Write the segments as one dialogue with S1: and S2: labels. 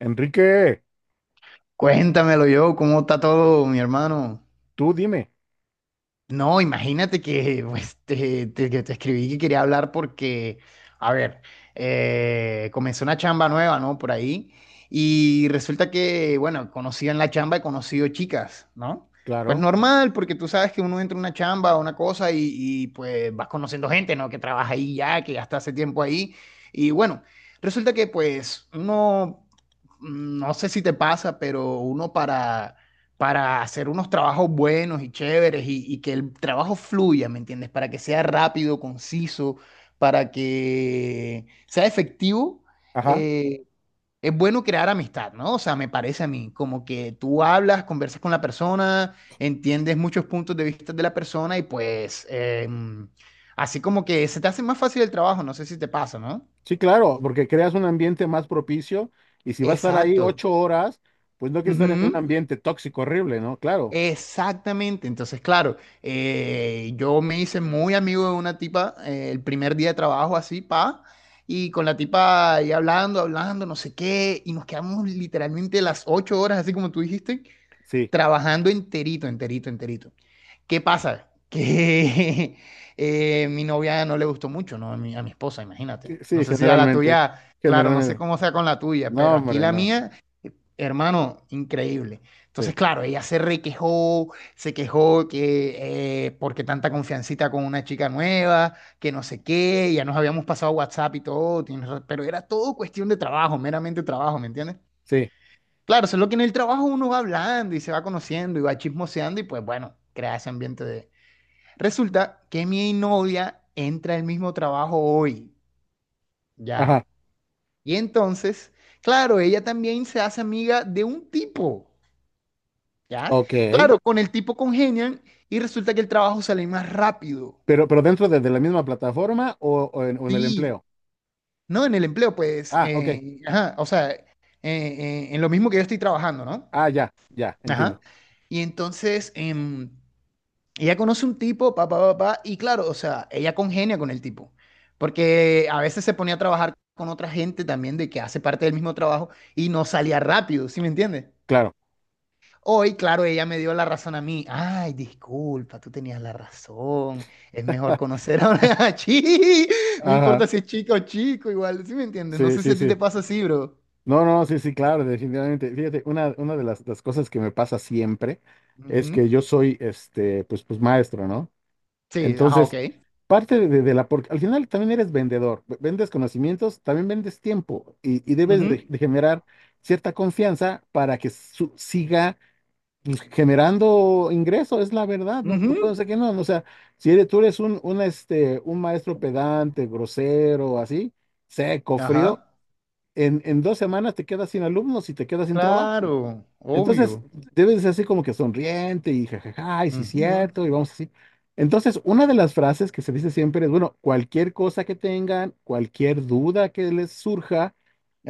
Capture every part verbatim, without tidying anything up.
S1: Enrique,
S2: Cuéntamelo yo, ¿cómo está todo, mi hermano?
S1: tú dime.
S2: No, imagínate que pues, te, te- que te escribí que quería hablar porque, a ver, eh, comenzó una chamba nueva, ¿no? Por ahí. Y resulta que, bueno, conocí en la chamba, he conocido chicas, ¿no? Pues
S1: Claro.
S2: normal, porque tú sabes que uno entra a una chamba, a una cosa, y, y pues vas conociendo gente, ¿no? Que trabaja ahí ya, que ya está hace tiempo ahí. Y bueno, resulta que pues uno, mm, no sé si te pasa, pero uno para para hacer unos trabajos buenos y chéveres y, y que el trabajo fluya, ¿me entiendes? Para que sea rápido, conciso, para que sea efectivo,
S1: Ajá.
S2: eh, es bueno crear amistad, ¿no? O sea, me parece a mí, como que tú hablas, conversas con la persona, entiendes muchos puntos de vista de la persona y pues eh, así como que se te hace más fácil el trabajo, no sé si te pasa, ¿no?
S1: Sí, claro, porque creas un ambiente más propicio y si va a estar ahí
S2: Exacto.
S1: ocho horas, pues no quiere estar en un
S2: Ujú.
S1: ambiente tóxico horrible, ¿no? Claro.
S2: Exactamente, entonces claro, eh, yo me hice muy amigo de una tipa eh, el primer día de trabajo así, pa, y con la tipa ahí hablando, hablando, no sé qué, y nos quedamos literalmente las ocho horas, así como tú dijiste,
S1: Sí.
S2: trabajando enterito, enterito, enterito. ¿Qué pasa? Que eh, mi novia no le gustó mucho, ¿no? A mi, a mi esposa, imagínate.
S1: Eh,
S2: No
S1: sí,
S2: sé si a la
S1: generalmente,
S2: tuya, claro, no sé
S1: generalmente,
S2: cómo sea con la tuya,
S1: no,
S2: pero aquí
S1: hombre,
S2: la
S1: no.
S2: mía. Hermano, increíble. Entonces,
S1: Sí,
S2: claro, ella se requejó, se quejó que eh, porque tanta confiancita con una chica nueva, que no sé qué, ya nos habíamos pasado WhatsApp y todo, tienes ra- pero era todo cuestión de trabajo, meramente trabajo, ¿me entiendes?
S1: sí.
S2: Claro, eso es lo que en el trabajo uno va hablando y se va conociendo y va chismoseando y pues bueno, crea ese ambiente de... Resulta que mi novia entra al mismo trabajo hoy, ya.
S1: Ajá.
S2: Y entonces, claro, ella también se hace amiga de un tipo. ¿Ya?
S1: Ok.
S2: Claro, con el tipo congenian y resulta que el trabajo sale más rápido.
S1: pero, pero dentro de, de la misma plataforma o, o en, o en el
S2: Sí,
S1: empleo.
S2: no en el empleo, pues,
S1: Ah, ok.
S2: eh, ajá, o sea, eh, eh, en lo mismo que yo estoy trabajando, ¿no?
S1: Ah, ya, ya, entiendo.
S2: Ajá. Y entonces, em, ella conoce un tipo, papá, papá, y claro, o sea, ella congenia con el tipo, porque a veces se ponía a trabajar con otra gente también de que hace parte del mismo trabajo y no salía rápido, ¿sí me entiendes?
S1: Claro.
S2: Hoy, claro, ella me dio la razón a mí. Ay, disculpa, tú tenías la razón. Es mejor conocer a una chi. No
S1: Ajá.
S2: importa si es chica o chico, igual. ¿Sí me entiendes? No
S1: Sí,
S2: sé si
S1: sí,
S2: a ti te
S1: sí.
S2: pasa así, bro.
S1: No, no, sí, sí, claro, definitivamente. Fíjate, una, una de las, las cosas que me pasa siempre es que
S2: Ujú.
S1: yo soy, este, pues, pues maestro, ¿no?
S2: Sí, ajá,
S1: Entonces,
S2: ok.
S1: parte de, de la, porque al final también eres vendedor, v- vendes conocimientos, también vendes tiempo y, y debes
S2: Ujú,
S1: de, de generar cierta confianza para que su- siga pues, generando ingreso, es la verdad, no, no puedo
S2: ujú.
S1: decir que no, no, o sea, si eres, tú eres un, un, este, un maestro pedante, grosero, así, seco, frío
S2: Ajá.
S1: en, en dos semanas te quedas sin alumnos y te quedas sin trabajo.
S2: Claro,
S1: Entonces,
S2: obvio.
S1: debes ser así como que sonriente y jajaja, y sí,
S2: Ujú.
S1: cierto, y vamos así. Entonces, una de las frases que se dice siempre es, bueno, cualquier cosa que tengan, cualquier duda que les surja,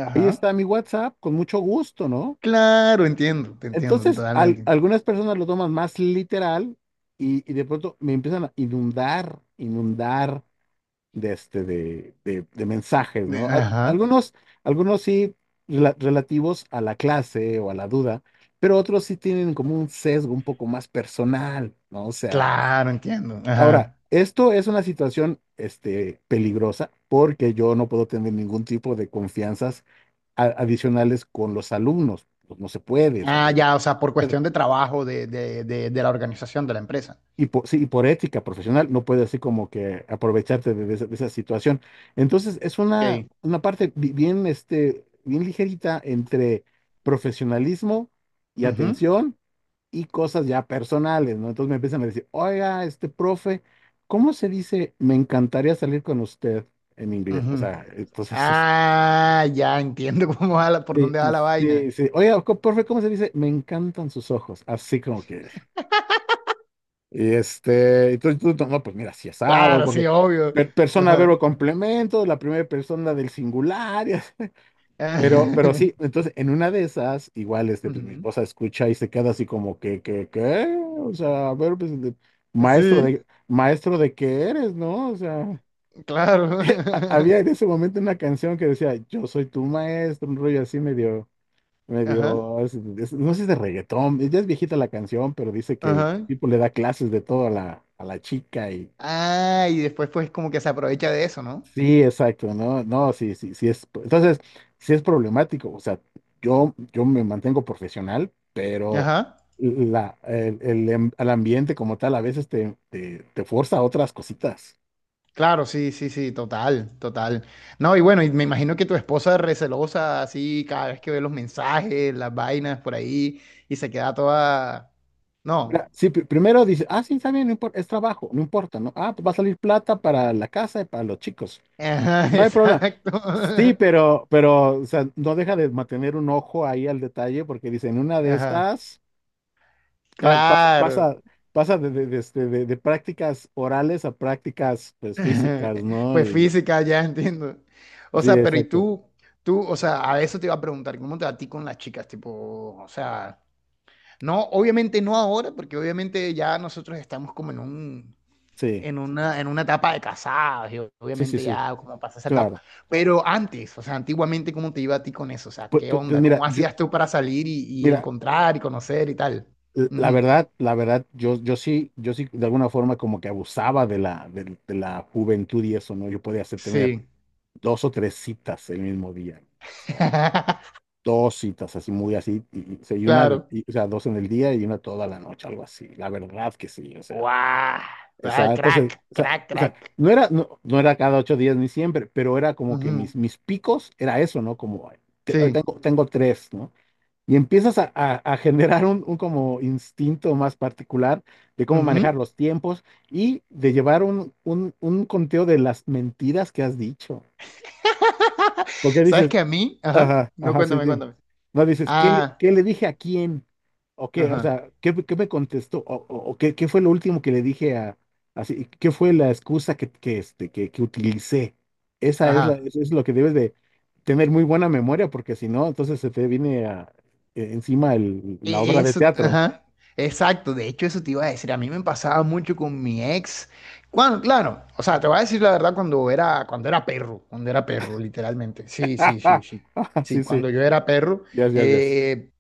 S1: ahí está
S2: Ajá.
S1: mi WhatsApp, con mucho gusto, ¿no?
S2: Claro, entiendo, te entiendo
S1: Entonces, al-
S2: totalmente.
S1: algunas personas lo toman más literal y, y de pronto me empiezan a inundar, inundar de, este, de, de- de mensajes,
S2: De-
S1: ¿no? Al-
S2: Ajá.
S1: algunos, algunos sí rela- relativos a la clase o a la duda, pero otros sí tienen como un sesgo un poco más personal, ¿no? O sea,
S2: Claro, entiendo.
S1: ahora,
S2: Ajá.
S1: esto es una situación, este, peligrosa porque yo no puedo tener ningún tipo de confianzas a- adicionales con los alumnos, pues. No se puede, o sea,
S2: Ah, ya, o sea, por cuestión de trabajo de, de, de, de la organización de la empresa.
S1: y por, sí, y por ética profesional no puedes así como que aprovecharte de, de esa, de esa situación. Entonces es una,
S2: Ok.
S1: una parte bi- bien, este, bien ligerita entre profesionalismo y
S2: Ujú.
S1: atención y cosas ya personales, ¿no? Entonces me empiezan a decir, oiga, este profe, ¿cómo se dice? Me encantaría salir con usted en inglés. O
S2: Ujú.
S1: sea, entonces, es-
S2: Ah, ya entiendo cómo va la- por
S1: sí,
S2: dónde va la
S1: sí,
S2: vaina.
S1: sí. Oiga, co- profe, ¿cómo se dice? Me encantan sus ojos. Así como que... Y este, entonces tú, no, pues mira, si asado,
S2: Claro, sí,
S1: porque
S2: obvio.
S1: per- persona, verbo,
S2: Ajá.
S1: complemento, la primera persona del singular, y así. Pero, pero sí, entonces en una de esas, igual, este, pues, mi
S2: Ujú.
S1: esposa escucha y se queda así como que, que, ¿qué? O sea, a ver, pues, de- maestro
S2: Sí,
S1: de, maestro de qué eres, ¿no? O sea,
S2: claro.
S1: ha- había en ese momento una canción que decía, yo soy tu maestro, un rollo así medio,
S2: Ajá,
S1: medio, es- es- no sé si es de reggaetón, ya es viejita la canción, pero dice que el
S2: ajá.
S1: tipo le da clases de todo a la, a la chica y
S2: Ah, y después pues como que se aprovecha de eso, ¿no?
S1: sí, exacto, no, no, sí, sí, sí es, entonces, sí es problemático, o sea, yo, yo me mantengo profesional, pero
S2: Ajá.
S1: la, el, el em- al ambiente como tal a veces te, te, te forza a otras cositas.
S2: Claro, sí, sí, sí, total, total. No, y bueno, y me imagino que tu esposa es recelosa así cada vez que ve los mensajes, las vainas por ahí y se queda toda... No.
S1: Mira, sí, pri- primero dice, ah, sí, está bien, no importa, es trabajo, no importa, ¿no? Ah, pues va a salir plata para la casa y para los chicos,
S2: Ajá,
S1: no hay problema.
S2: exacto.
S1: Sí, pero, pero, o sea, no deja de mantener un ojo ahí al detalle porque dicen, una de
S2: Ajá.
S1: estas... pa- pa-
S2: Claro.
S1: pasa, pasa de, de- de este, de- de prácticas orales a prácticas pues, físicas, ¿no?
S2: Pues
S1: Y-
S2: física, ya entiendo. O
S1: sí,
S2: sea, pero y
S1: exacto.
S2: tú, tú, o sea, a eso te iba a preguntar, ¿cómo te va a ti con las chicas? Tipo, o sea, no, obviamente no ahora, porque obviamente ya nosotros estamos como en un,
S1: Sí,
S2: en una, en una etapa de casados, y
S1: sí, sí,
S2: obviamente
S1: sí,
S2: ya como pasa esa etapa.
S1: claro.
S2: Pero antes, o sea, antiguamente, ¿cómo te iba a ti con eso? O sea,
S1: Pues,
S2: ¿qué
S1: pues- pues
S2: onda?
S1: mira,
S2: ¿Cómo
S1: yo,
S2: hacías tú para salir y, y
S1: mira,
S2: encontrar y conocer y tal?
S1: l- la
S2: Ujú.
S1: verdad, la verdad, yo, yo sí, yo sí de alguna forma como que abusaba de la, de, de la juventud y eso, ¿no? Yo podía hacer tener
S2: Sí.
S1: dos o tres citas el mismo día. O sea, dos citas así muy así, y, y- o sea, y una de-
S2: Claro.
S1: y- o sea, dos en el día y una toda la noche, algo así. La verdad que sí, o
S2: ¡Guau!
S1: sea.
S2: Ah,
S1: Exacto, entonces,
S2: crack,
S1: o sea,
S2: crack,
S1: o sea,
S2: crack.
S1: no era, no, no era cada ocho días ni siempre, pero era como que mis,
S2: Ujú.
S1: mis picos era eso, ¿no? Como, te- hoy
S2: Sí.
S1: tengo, tengo tres, ¿no? Y empiezas a, a- a generar un, un como instinto más particular de cómo
S2: Ujú.
S1: manejar los tiempos y de llevar un, un, un conteo de las mentiras que has dicho. Porque
S2: ¿Sabes
S1: dices,
S2: que a mí? Ajá.
S1: ajá,
S2: No,
S1: ajá, sí,
S2: cuéntame,
S1: sí.
S2: cuéntame.
S1: No, dices, ¿qué le,
S2: Ah,
S1: qué le dije a quién? ¿O qué? O
S2: ajá,
S1: sea, ¿qué, qué me contestó? ¿O, o- o qué, qué fue lo último que le dije a...? Así, ¿qué fue la excusa que, que, este, que, que utilicé? Esa es la,
S2: ajá.
S1: eso es lo que debes de tener muy buena memoria, porque si no, entonces se te viene a- e- encima el- la
S2: E-
S1: obra de
S2: Eso,
S1: teatro.
S2: ajá. Exacto. De hecho, eso te iba a decir. A mí me pasaba mucho con mi ex. Cuando, claro, o sea, te voy a decir la verdad cuando era, cuando era perro, cuando era perro, literalmente. Sí, sí, sí, sí.
S1: Ajá, sí,
S2: Sí,
S1: sí.
S2: cuando yo era perro,
S1: Yes, yes, yes.
S2: eh,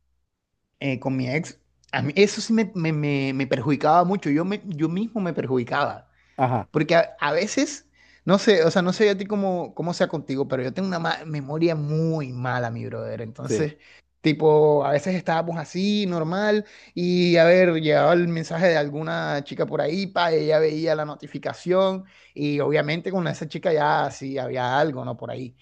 S2: eh, con mi ex, a mí eso sí me, me- me- me perjudicaba mucho, yo, me, yo mismo me perjudicaba,
S1: Ajá,
S2: porque a, a veces, no sé, o sea, no sé a ti cómo, cómo sea contigo, pero yo tengo una ma- memoria muy mala, mi brother,
S1: sí.
S2: entonces, tipo, a veces estábamos así, normal, y a ver, llegaba el mensaje de alguna chica por ahí, pa, ella veía la notificación, y obviamente con esa chica ya sí había algo, ¿no? Por ahí.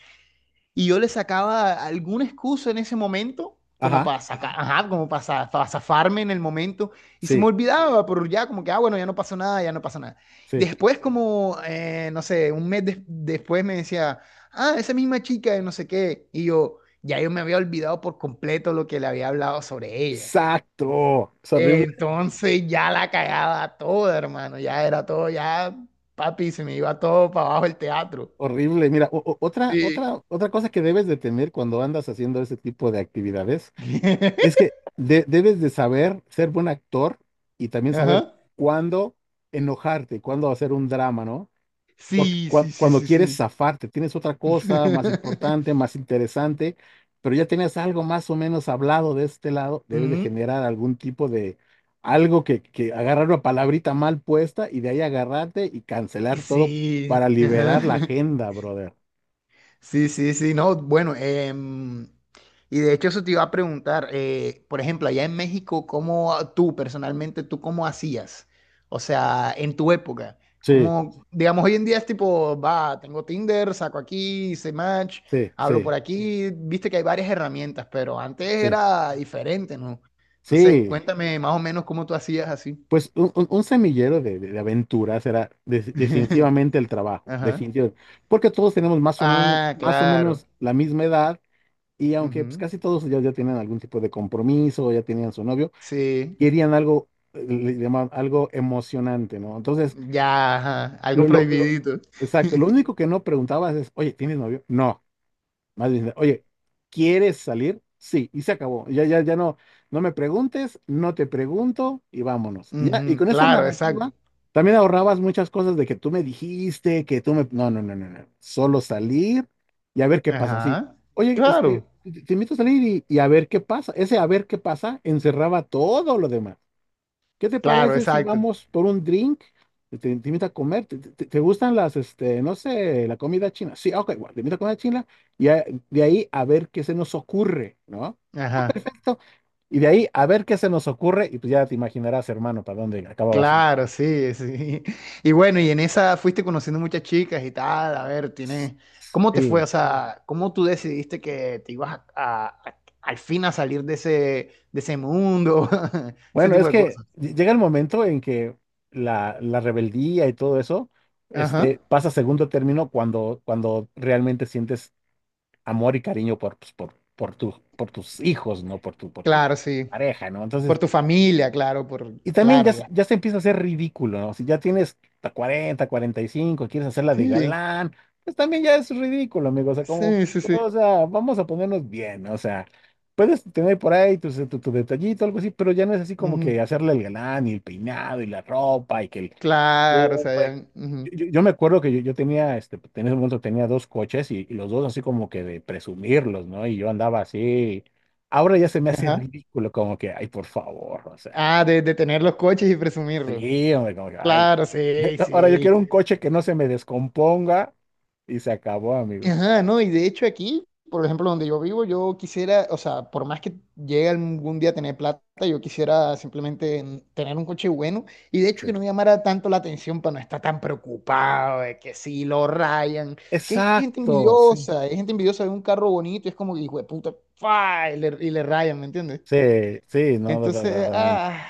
S2: Y yo le sacaba alguna excusa en ese momento, como
S1: Ajá,
S2: para sacar, ajá, como para, para zafarme en el momento. Y se me
S1: sí,
S2: olvidaba, pero ya como que, ah, bueno, ya no pasó nada, ya no pasó nada.
S1: sí.
S2: Después, como, eh, no sé, un mes des- después me decía, ah, esa misma chica de no sé qué. Y yo, ya yo me había olvidado por completo lo que le había hablado sobre ella.
S1: Exacto. Es horrible.
S2: Entonces ya la cagaba toda, hermano, ya era todo, ya, papi, se me iba todo para abajo el teatro.
S1: Horrible. Mira, o- o- otra,
S2: Sí.
S1: otra, otra cosa que debes de tener cuando andas haciendo ese tipo de actividades es que de- debes de saber ser buen actor y también saber
S2: Ajá.
S1: cuándo enojarte, cuándo hacer un drama, ¿no? Porque
S2: Sí,
S1: cua-
S2: sí, sí,
S1: cuando
S2: sí,
S1: quieres
S2: sí.
S1: zafarte, tienes otra cosa más importante, más interesante, pero ya tienes algo más o menos hablado de este lado, debes de
S2: Mm,
S1: generar algún tipo de algo que, que agarrar una palabrita mal puesta y de ahí agarrarte y
S2: y
S1: cancelar todo para
S2: sí, ajá.
S1: liberar la agenda, brother.
S2: Sí, sí, sí, no, bueno, em, y de hecho eso te iba a preguntar, eh, por ejemplo, allá en México, ¿cómo ah, tú personalmente, tú cómo hacías? O sea, en tu época,
S1: Sí,
S2: como, digamos, hoy en día es tipo, va, tengo Tinder, saco aquí, hice match,
S1: sí,
S2: hablo
S1: sí,
S2: por aquí, viste que hay varias herramientas, pero antes
S1: sí,
S2: era diferente, ¿no? Entonces,
S1: sí.
S2: cuéntame más o menos cómo tú hacías así.
S1: Pues un, un- un semillero de, de- de aventuras era de- definitivamente el trabajo,
S2: Ajá.
S1: definitivamente. Porque todos tenemos más o menos,
S2: Ah,
S1: más o
S2: claro.
S1: menos la misma edad y aunque pues,
S2: Ujú.
S1: casi todos ya, ya tienen algún tipo de compromiso, ya tenían su novio,
S2: Sí,
S1: querían algo, eh, le llamaban algo emocionante, ¿no? Entonces,
S2: ya, ajá. Algo
S1: lo, lo- lo-
S2: prohibidito.
S1: exacto, lo único que no preguntabas es, oye, ¿tienes novio? No. Más bien, oye, ¿quieres salir? Sí, y se acabó. Ya, ya, ya no, no me preguntes, no te pregunto y vámonos. Y ya, y
S2: Ujú.
S1: con esa
S2: Claro,
S1: narrativa
S2: exacto.
S1: también ahorrabas muchas cosas de que tú me dijiste, que tú me. No, no, no, no, no. Solo salir y a ver qué pasa. Sí.
S2: Ajá.
S1: Oye,
S2: Claro,
S1: este, te, te invito a salir y, y a ver qué pasa. Ese a ver qué pasa encerraba todo lo demás. ¿Qué te
S2: claro,
S1: parece si
S2: exacto.
S1: vamos por un drink? Te, te invito a comer. ¿Te, te- te gustan las, este, no sé, la comida china? Sí, ok, bueno, te invito a comer china y a- de ahí a ver qué se nos ocurre, ¿no?
S2: Ajá.
S1: Esto. Y de ahí a ver qué se nos ocurre y pues ya te imaginarás, hermano, para dónde acababa siendo.
S2: Claro, sí, sí. Y bueno, y en esa fuiste conociendo muchas chicas y tal. A ver, tienes. ¿Cómo te fue?
S1: Sí.
S2: O sea, ¿cómo tú decidiste que te ibas a, a- a- al fin a salir de ese, de ese mundo? Ese
S1: Bueno,
S2: tipo
S1: es
S2: de
S1: que
S2: cosas.
S1: ll- llega el momento en que la, la rebeldía y todo eso,
S2: Ajá.
S1: este, pasa a segundo término cuando, cuando realmente sientes amor y cariño por, pues, por, por, tu- por tus hijos, ¿no? Por tu, por tu
S2: Claro, sí.
S1: pareja, ¿no?
S2: Por
S1: Entonces,
S2: tu familia, claro, por,
S1: y también
S2: claro,
S1: ya, se-
S2: ya.
S1: ya se empieza a hacer ridículo, ¿no? Si ya tienes hasta cuarenta, cuarenta y cinco, quieres hacerla de
S2: Sí,
S1: galán, pues también ya es ridículo, amigo. O sea, como,
S2: sí, sí, sí.
S1: o sea, vamos a ponernos bien, ¿no? O sea, puedes tener por ahí tu, tu, tu detallito, algo así, pero ya no es así como que
S2: Ujú.
S1: hacerle el galán y el peinado y la ropa y que el
S2: Claro, o
S1: uh,
S2: sea,
S1: güey.
S2: ya, ujú.
S1: Yo, yo- yo me acuerdo que yo, yo tenía, este, pues, en ese momento tenía dos coches y, y los dos así como que de presumirlos, ¿no? Y yo andaba así. Ahora ya se me hace
S2: Ajá.
S1: ridículo, como que, ay, por favor, o sea,
S2: Ah, de, de tener los coches y presumirlos.
S1: sí, hombre, como que, ay.
S2: Claro, sí,
S1: Ahora yo
S2: sí.
S1: quiero un coche que no se me descomponga y se acabó, amigo.
S2: Ajá, no, y de hecho aquí, por ejemplo, donde yo vivo, yo quisiera, o sea, por más que llegue algún día a tener plata, yo quisiera simplemente mm, tener un coche bueno y de hecho que
S1: Sí.
S2: no me llamara tanto la atención para no estar tan preocupado de que si lo rayan, que hay gente
S1: Exacto, sí.
S2: envidiosa, hay gente envidiosa de un carro bonito y es como que, hijo de puta, ¡fua! Y le, y le rayan, ¿me entiendes?
S1: Sí, sí, no, da- da-
S2: Entonces,
S1: totalmente.
S2: ah,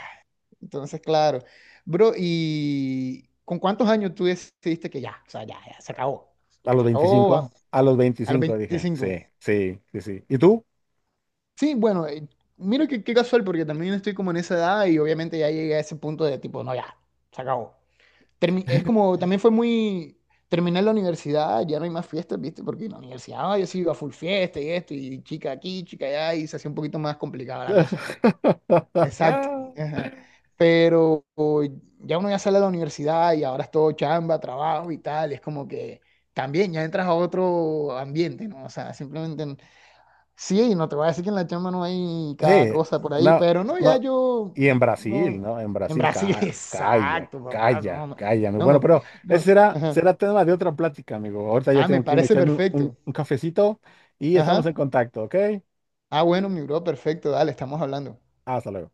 S2: entonces, claro. Bro, ¿y con cuántos años tú decidiste que ya, o sea, ya, ya, se acabó?
S1: A los
S2: Se acabó a,
S1: veinticinco, a los
S2: a los
S1: veinticinco dije,
S2: veinticinco.
S1: sí, sí, sí, sí. ¿Y tú?
S2: Sí, bueno, eh, mira que qué casual, porque también estoy como en esa edad y obviamente ya llegué a ese punto de tipo, no, ya, se acabó. Termi- es como, también fue muy, terminé la universidad, ya no hay más fiestas, ¿viste? Porque en la universidad ah, yo sí iba a full fiesta y esto, y chica aquí, chica allá, y se hacía un poquito más complicada la cosa. Exacto. Ajá. Pero o, ya uno ya sale de la universidad y ahora es todo chamba, trabajo y tal, y es como que también ya entras a otro ambiente, ¿no? O sea, simplemente n- sí, no te voy a decir que en la chamba no hay cada
S1: Sí,
S2: cosa por ahí,
S1: no,
S2: pero no, ya
S1: no.
S2: yo,
S1: Y en Brasil,
S2: no,
S1: ¿no? En
S2: en
S1: Brasil,
S2: Brasil,
S1: ca- calla,
S2: exacto, papá, no,
S1: calla,
S2: no,
S1: calla, amigo.
S2: no,
S1: Bueno,
S2: no,
S1: pero ese
S2: no,
S1: será,
S2: ajá.
S1: será tema de otra plática, amigo. Ahorita ya
S2: Ah, me
S1: tengo que irme a
S2: parece
S1: echarme un un-
S2: perfecto.
S1: un cafecito y estamos en
S2: Ajá.
S1: contacto, ¿ok?
S2: Ah, bueno, mi bro, perfecto, dale, estamos hablando.
S1: Hasta luego.